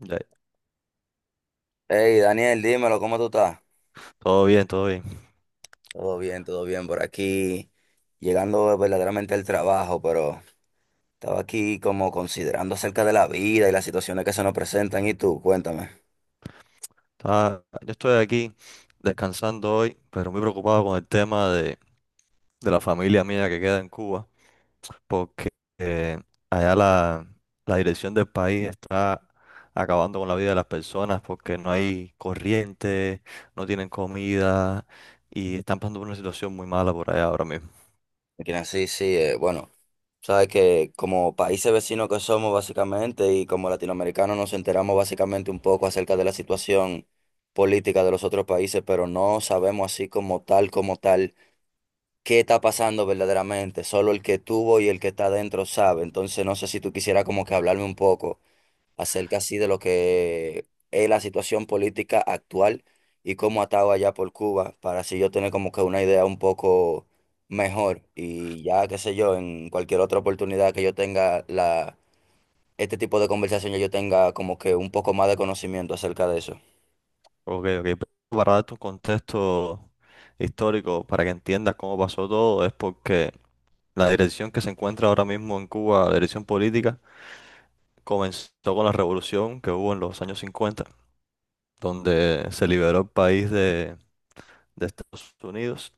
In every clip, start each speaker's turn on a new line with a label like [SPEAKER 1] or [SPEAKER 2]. [SPEAKER 1] Ya,
[SPEAKER 2] Hey, Daniel, dímelo, ¿cómo tú estás?
[SPEAKER 1] todo bien, todo bien.
[SPEAKER 2] Todo bien por aquí, llegando verdaderamente al trabajo, pero estaba aquí como considerando acerca de la vida y las situaciones que se nos presentan. ¿Y tú? Cuéntame.
[SPEAKER 1] Yo estoy aquí descansando hoy, pero muy preocupado con el tema de la familia mía que queda en Cuba, porque eh, allá la dirección del país está acabando con la vida de las personas porque no hay corriente, no tienen comida y están pasando por una situación muy mala por allá ahora mismo.
[SPEAKER 2] Mira, sí, sí, bueno, sabes que como países vecinos que somos básicamente y como latinoamericanos nos enteramos básicamente un poco acerca de la situación política de los otros países, pero no sabemos así como tal, como tal qué está pasando verdaderamente. Solo el que tuvo y el que está adentro sabe. Entonces, no sé si tú quisieras como que hablarme un poco acerca así de lo que es la situación política actual y cómo ha estado allá por Cuba, para así yo tener como que una idea un poco mejor. Y ya, qué sé yo, en cualquier otra oportunidad que yo tenga la, este tipo de conversación, ya yo tenga como que un poco más de conocimiento acerca de eso.
[SPEAKER 1] Ok, ok. Para darte un contexto histórico, para que entiendas cómo pasó todo, es porque la dirección que se encuentra ahora mismo en Cuba, la dirección política, comenzó con la revolución que hubo en los años 50, donde se liberó el país de Estados Unidos.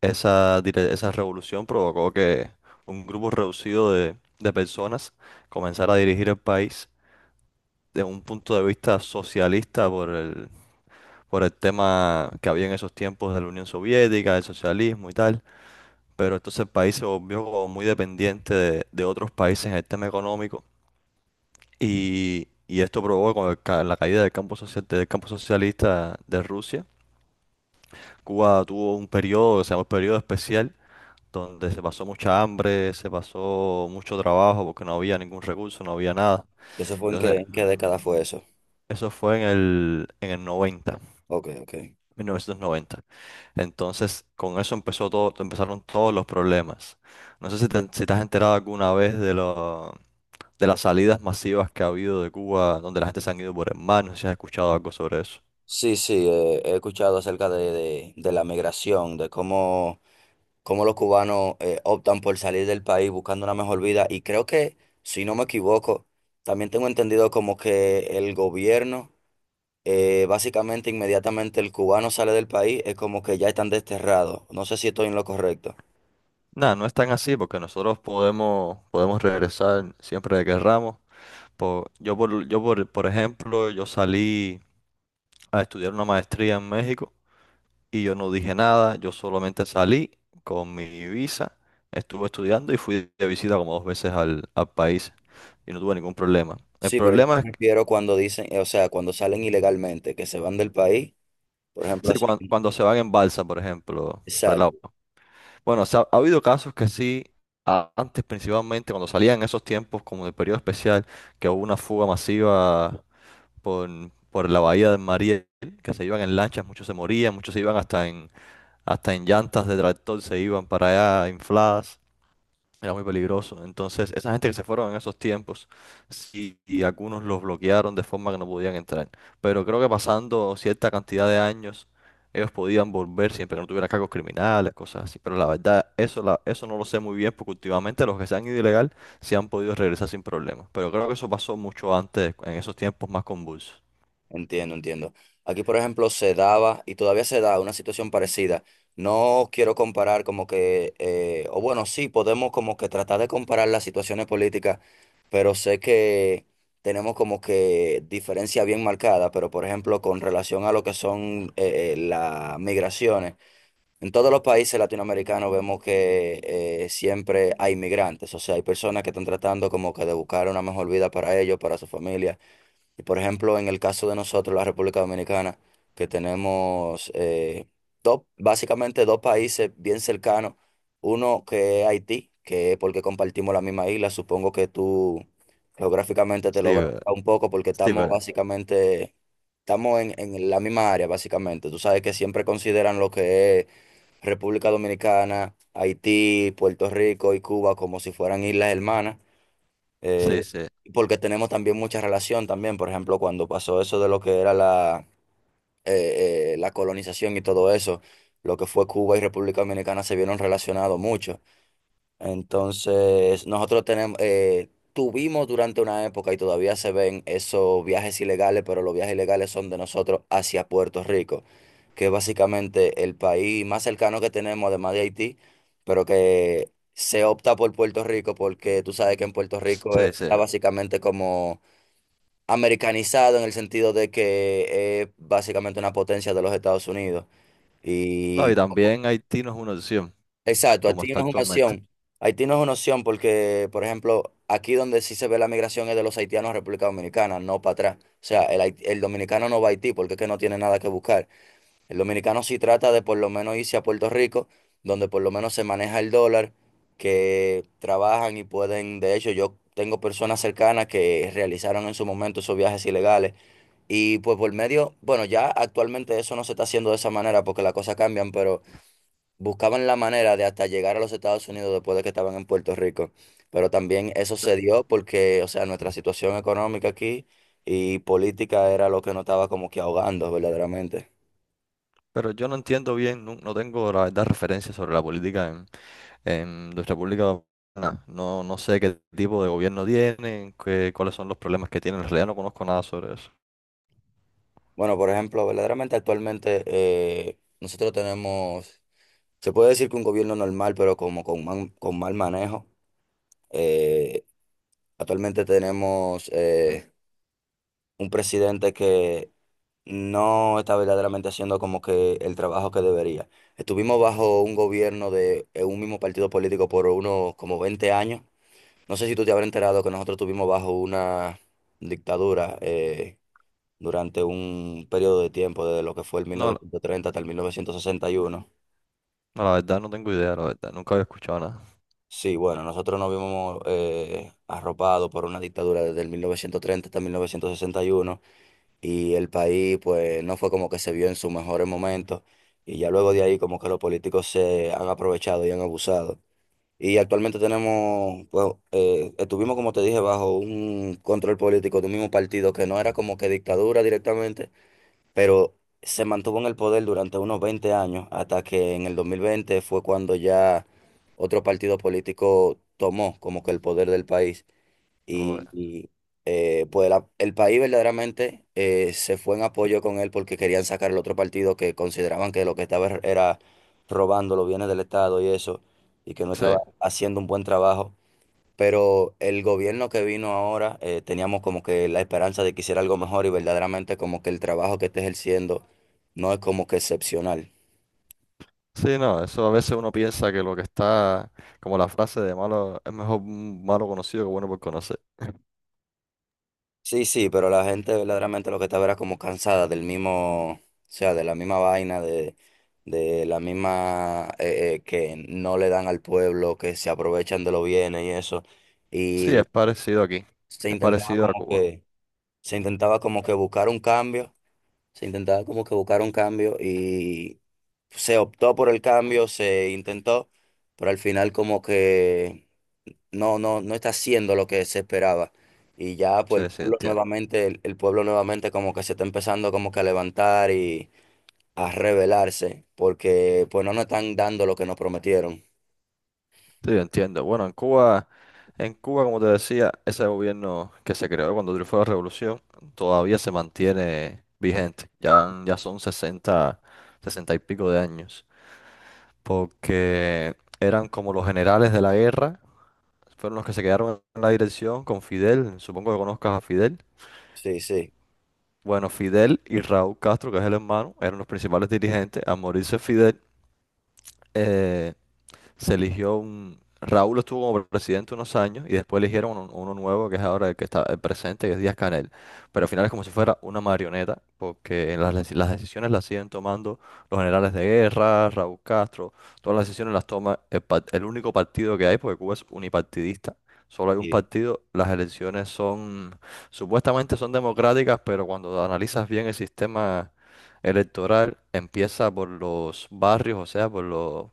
[SPEAKER 1] Esa revolución provocó que un grupo reducido de personas comenzara a dirigir el país de un punto de vista socialista por por el tema que había en esos tiempos de la Unión Soviética, del socialismo y tal. Pero entonces el país se volvió como muy dependiente de otros países en el tema económico. Y esto provocó con la caída del campo social, del campo socialista de Rusia. Cuba tuvo un periodo que se llamó el periodo especial, donde se pasó mucha hambre, se pasó mucho trabajo porque no había ningún recurso, no había nada.
[SPEAKER 2] ¿Eso fue
[SPEAKER 1] Entonces,
[SPEAKER 2] en qué década fue eso?
[SPEAKER 1] eso fue en en el 90,
[SPEAKER 2] Ok, ok.
[SPEAKER 1] 1990. Entonces, con eso empezó todo, empezaron todos los problemas. No sé si te has enterado alguna vez de las salidas masivas que ha habido de Cuba, donde la gente se han ido por el mar, no sé si has escuchado algo sobre eso.
[SPEAKER 2] Sí, sí, he escuchado acerca de, de la migración, de cómo, cómo los cubanos optan por salir del país buscando una mejor vida y creo que, si no me equivoco, también tengo entendido como que el gobierno, básicamente inmediatamente el cubano sale del país, es como que ya están desterrados. No sé si estoy en lo correcto.
[SPEAKER 1] Nada, no es tan así porque nosotros podemos regresar siempre que querramos. Por ejemplo, yo salí a estudiar una maestría en México y yo no dije nada, yo solamente salí con mi visa, estuve estudiando y fui de visita como dos veces al país y no tuve ningún problema. El
[SPEAKER 2] Sí, pero yo
[SPEAKER 1] problema es
[SPEAKER 2] me refiero cuando dicen, o sea, cuando salen ilegalmente, que se van del país, por ejemplo,
[SPEAKER 1] sí,
[SPEAKER 2] así.
[SPEAKER 1] cuando se van en balsa, por ejemplo, para el
[SPEAKER 2] Exacto.
[SPEAKER 1] lado. Bueno, o sea, ha habido casos que sí, antes principalmente, cuando salían esos tiempos, como del periodo especial, que hubo una fuga masiva por, por la bahía de Mariel, que se iban en lanchas, muchos se morían, muchos se iban hasta en llantas de tractor, se iban para allá infladas. Era muy peligroso. Entonces, esa gente que se fueron en esos tiempos, sí, y algunos los bloquearon de forma que no podían entrar. Pero creo que pasando cierta cantidad de años, ellos podían volver siempre que no tuvieran cargos criminales, cosas así. Pero la verdad, eso no lo sé muy bien, porque últimamente los que se han ido ilegal se han podido regresar sin problemas. Pero creo que eso pasó mucho antes, en esos tiempos más convulsos.
[SPEAKER 2] Entiendo, entiendo. Aquí, por ejemplo, se daba y todavía se da una situación parecida. No quiero comparar como que, o bueno, sí, podemos como que tratar de comparar las situaciones políticas, pero sé que tenemos como que diferencia bien marcada, pero por ejemplo, con relación a lo que son las migraciones, en todos los países latinoamericanos vemos que siempre hay migrantes, o sea, hay personas que están tratando como que de buscar una mejor vida para ellos, para su familia. Y por ejemplo, en el caso de nosotros, la República Dominicana, que tenemos dos, básicamente dos países bien cercanos, uno que es Haití, que es porque compartimos la misma isla, supongo que tú geográficamente
[SPEAKER 1] Sí,
[SPEAKER 2] te logras
[SPEAKER 1] pero-
[SPEAKER 2] un poco porque
[SPEAKER 1] sí,
[SPEAKER 2] estamos
[SPEAKER 1] pero-
[SPEAKER 2] básicamente, estamos en la misma área básicamente. Tú sabes que siempre consideran lo que es República Dominicana, Haití, Puerto Rico y Cuba como si fueran islas hermanas.
[SPEAKER 1] sí,
[SPEAKER 2] Eh,
[SPEAKER 1] sí,
[SPEAKER 2] porque tenemos también mucha relación también, por ejemplo, cuando pasó eso de lo que era la, la colonización y todo eso, lo que fue Cuba y República Dominicana se vieron relacionados mucho. Entonces, nosotros tenemos, tuvimos durante una época y todavía se ven esos viajes ilegales, pero los viajes ilegales son de nosotros hacia Puerto Rico, que es básicamente el país más cercano que tenemos, además de Haití, pero que se opta por Puerto Rico porque tú sabes que en Puerto Rico
[SPEAKER 1] sí, sí.
[SPEAKER 2] está básicamente como americanizado en el sentido de que es básicamente una potencia de los Estados Unidos.
[SPEAKER 1] No, y
[SPEAKER 2] Y
[SPEAKER 1] también Haití no es una opción,
[SPEAKER 2] exacto,
[SPEAKER 1] como
[SPEAKER 2] Haití
[SPEAKER 1] está
[SPEAKER 2] no es una
[SPEAKER 1] actualmente.
[SPEAKER 2] opción. Haití no es una opción porque, por ejemplo, aquí donde sí se ve la migración es de los haitianos a República Dominicana, no para atrás. O sea, el, el dominicano no va a Haití porque es que no tiene nada que buscar. El dominicano sí trata de por lo menos irse a Puerto Rico, donde por lo menos se maneja el dólar, que trabajan y pueden, de hecho, yo tengo personas cercanas que realizaron en su momento esos viajes ilegales. Y pues por medio, bueno, ya actualmente eso no se está haciendo de esa manera porque las cosas cambian, pero buscaban la manera de hasta llegar a los Estados Unidos después de que estaban en Puerto Rico. Pero también eso
[SPEAKER 1] Sí.
[SPEAKER 2] se dio porque, o sea, nuestra situación económica aquí y política era lo que nos estaba como que ahogando verdaderamente.
[SPEAKER 1] Pero yo no entiendo bien, no, no tengo la verdad referencia sobre la política en nuestra República Dominicana. No, no sé qué tipo de gobierno tienen, qué, cuáles son los problemas que tienen. En realidad no conozco nada sobre eso.
[SPEAKER 2] Bueno, por ejemplo, verdaderamente actualmente nosotros tenemos, se puede decir que un gobierno normal, pero como con, con mal manejo. Eh, actualmente tenemos un presidente que no está verdaderamente haciendo como que el trabajo que debería. Estuvimos bajo un gobierno de un mismo partido político por unos como 20 años. No sé si tú te habrás enterado que nosotros estuvimos bajo una dictadura durante un periodo de tiempo, desde lo que fue el
[SPEAKER 1] No, la
[SPEAKER 2] 1930 hasta el 1961.
[SPEAKER 1] no, la verdad no tengo idea, la verdad. Nunca había escuchado nada.
[SPEAKER 2] Sí, bueno, nosotros nos vimos arropados por una dictadura desde el 1930 hasta 1961, y el país pues no fue como que se vio en sus mejores momentos y ya luego de ahí como que los políticos se han aprovechado y han abusado. Y actualmente tenemos, pues, estuvimos como te dije, bajo un control político de un mismo partido que no era como que dictadura directamente, pero se mantuvo en el poder durante unos 20 años hasta que en el 2020 fue cuando ya otro partido político tomó como que el poder del país
[SPEAKER 1] Oh,
[SPEAKER 2] y, y, pues el país verdaderamente se fue en apoyo con él porque querían sacar el otro partido que consideraban que lo que estaba era robando los bienes del Estado y eso, y que no
[SPEAKER 1] sí.
[SPEAKER 2] estaba haciendo un buen trabajo. Pero el gobierno que vino ahora, teníamos como que la esperanza de que hiciera algo mejor y verdaderamente como que el trabajo que está ejerciendo no es como que excepcional.
[SPEAKER 1] Sí, no, eso a veces uno piensa que lo que como la frase de malo, es mejor un malo conocido que bueno por conocer.
[SPEAKER 2] Sí, sí, pero la gente verdaderamente lo que estaba era como cansada del mismo, o sea, de la misma vaina, de la misma que no le dan al pueblo, que se aprovechan de los bienes y eso.
[SPEAKER 1] Sí,
[SPEAKER 2] Y
[SPEAKER 1] es parecido aquí.
[SPEAKER 2] se
[SPEAKER 1] Es
[SPEAKER 2] intentaba
[SPEAKER 1] parecido a
[SPEAKER 2] como
[SPEAKER 1] Cuba.
[SPEAKER 2] que, se intentaba como que buscar un cambio, se intentaba como que buscar un cambio y se optó por el cambio, se intentó, pero al final como que no, no, no está haciendo lo que se esperaba. Y ya pues
[SPEAKER 1] Sí,
[SPEAKER 2] el
[SPEAKER 1] sí,
[SPEAKER 2] pueblo
[SPEAKER 1] entiendo.
[SPEAKER 2] nuevamente, el pueblo nuevamente como que se está empezando como que a levantar y a rebelarse, porque pues no nos están dando lo que nos prometieron.
[SPEAKER 1] Sí, entiendo. Bueno, en Cuba. En Cuba, como te decía, ese gobierno que se creó cuando triunfó la revolución todavía se mantiene vigente. Ya son 60, 60 y pico de años, porque eran como los generales de la guerra, fueron los que se quedaron en la dirección con Fidel, supongo que conozcas a Fidel.
[SPEAKER 2] Sí, sí,
[SPEAKER 1] Bueno, Fidel y Raúl Castro, que es el hermano, eran los principales dirigentes. Al morirse Fidel, eh, se eligió un... Raúl estuvo como presidente unos años y después eligieron uno nuevo que es ahora el que está el presente, que es Díaz-Canel. Pero al final es como si fuera una marioneta, porque en las decisiones las siguen tomando los generales de guerra, Raúl Castro, todas las decisiones las toma el único partido que hay, porque Cuba es unipartidista. Solo hay un
[SPEAKER 2] sí,
[SPEAKER 1] partido, las elecciones supuestamente son democráticas, pero cuando analizas bien el sistema electoral, empieza por los barrios, o sea, por los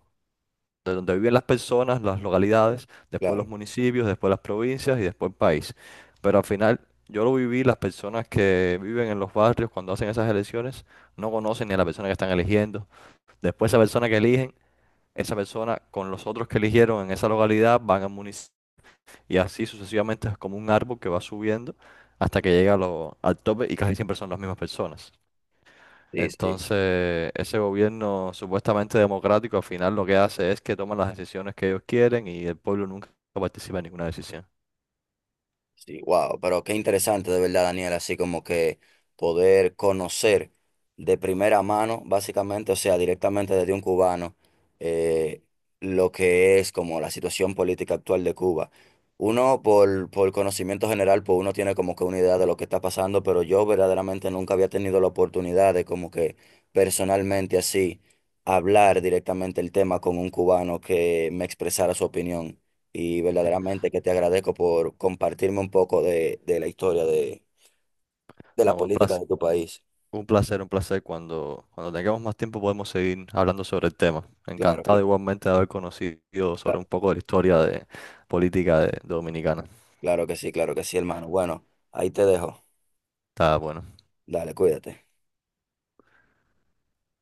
[SPEAKER 1] de donde viven las personas, las localidades, después
[SPEAKER 2] claro,
[SPEAKER 1] los municipios, después las provincias y después el país. Pero al final yo lo viví, las personas que viven en los barrios cuando hacen esas elecciones no conocen ni a la persona que están eligiendo. Después esa persona que eligen, esa persona con los otros que eligieron en esa localidad van al municipio y así sucesivamente es como un árbol que va subiendo hasta que llega a al tope y casi siempre son las mismas personas.
[SPEAKER 2] sí, sí.
[SPEAKER 1] Entonces, ese gobierno supuestamente democrático al final lo que hace es que toman las decisiones que ellos quieren y el pueblo nunca participa en ninguna decisión.
[SPEAKER 2] Sí, wow, pero qué interesante de verdad, Daniel, así como que poder conocer de primera mano, básicamente, o sea, directamente desde un cubano, eh, lo que es como la situación política actual de Cuba. Uno, por conocimiento general, pues uno tiene como que una idea de lo que está pasando, pero yo verdaderamente nunca había tenido la oportunidad de como que personalmente así hablar directamente el tema con un cubano que me expresara su opinión y verdaderamente que te agradezco por compartirme un poco de la historia de la
[SPEAKER 1] No, un
[SPEAKER 2] política
[SPEAKER 1] placer,
[SPEAKER 2] de tu país.
[SPEAKER 1] un placer, un placer. Cuando tengamos más tiempo podemos seguir hablando sobre el tema.
[SPEAKER 2] Claro,
[SPEAKER 1] Encantado
[SPEAKER 2] claro,
[SPEAKER 1] igualmente de haber conocido sobre un poco de la historia de política de, dominicana.
[SPEAKER 2] claro que sí, hermano. Bueno, ahí te dejo.
[SPEAKER 1] Está bueno.
[SPEAKER 2] Dale, cuídate.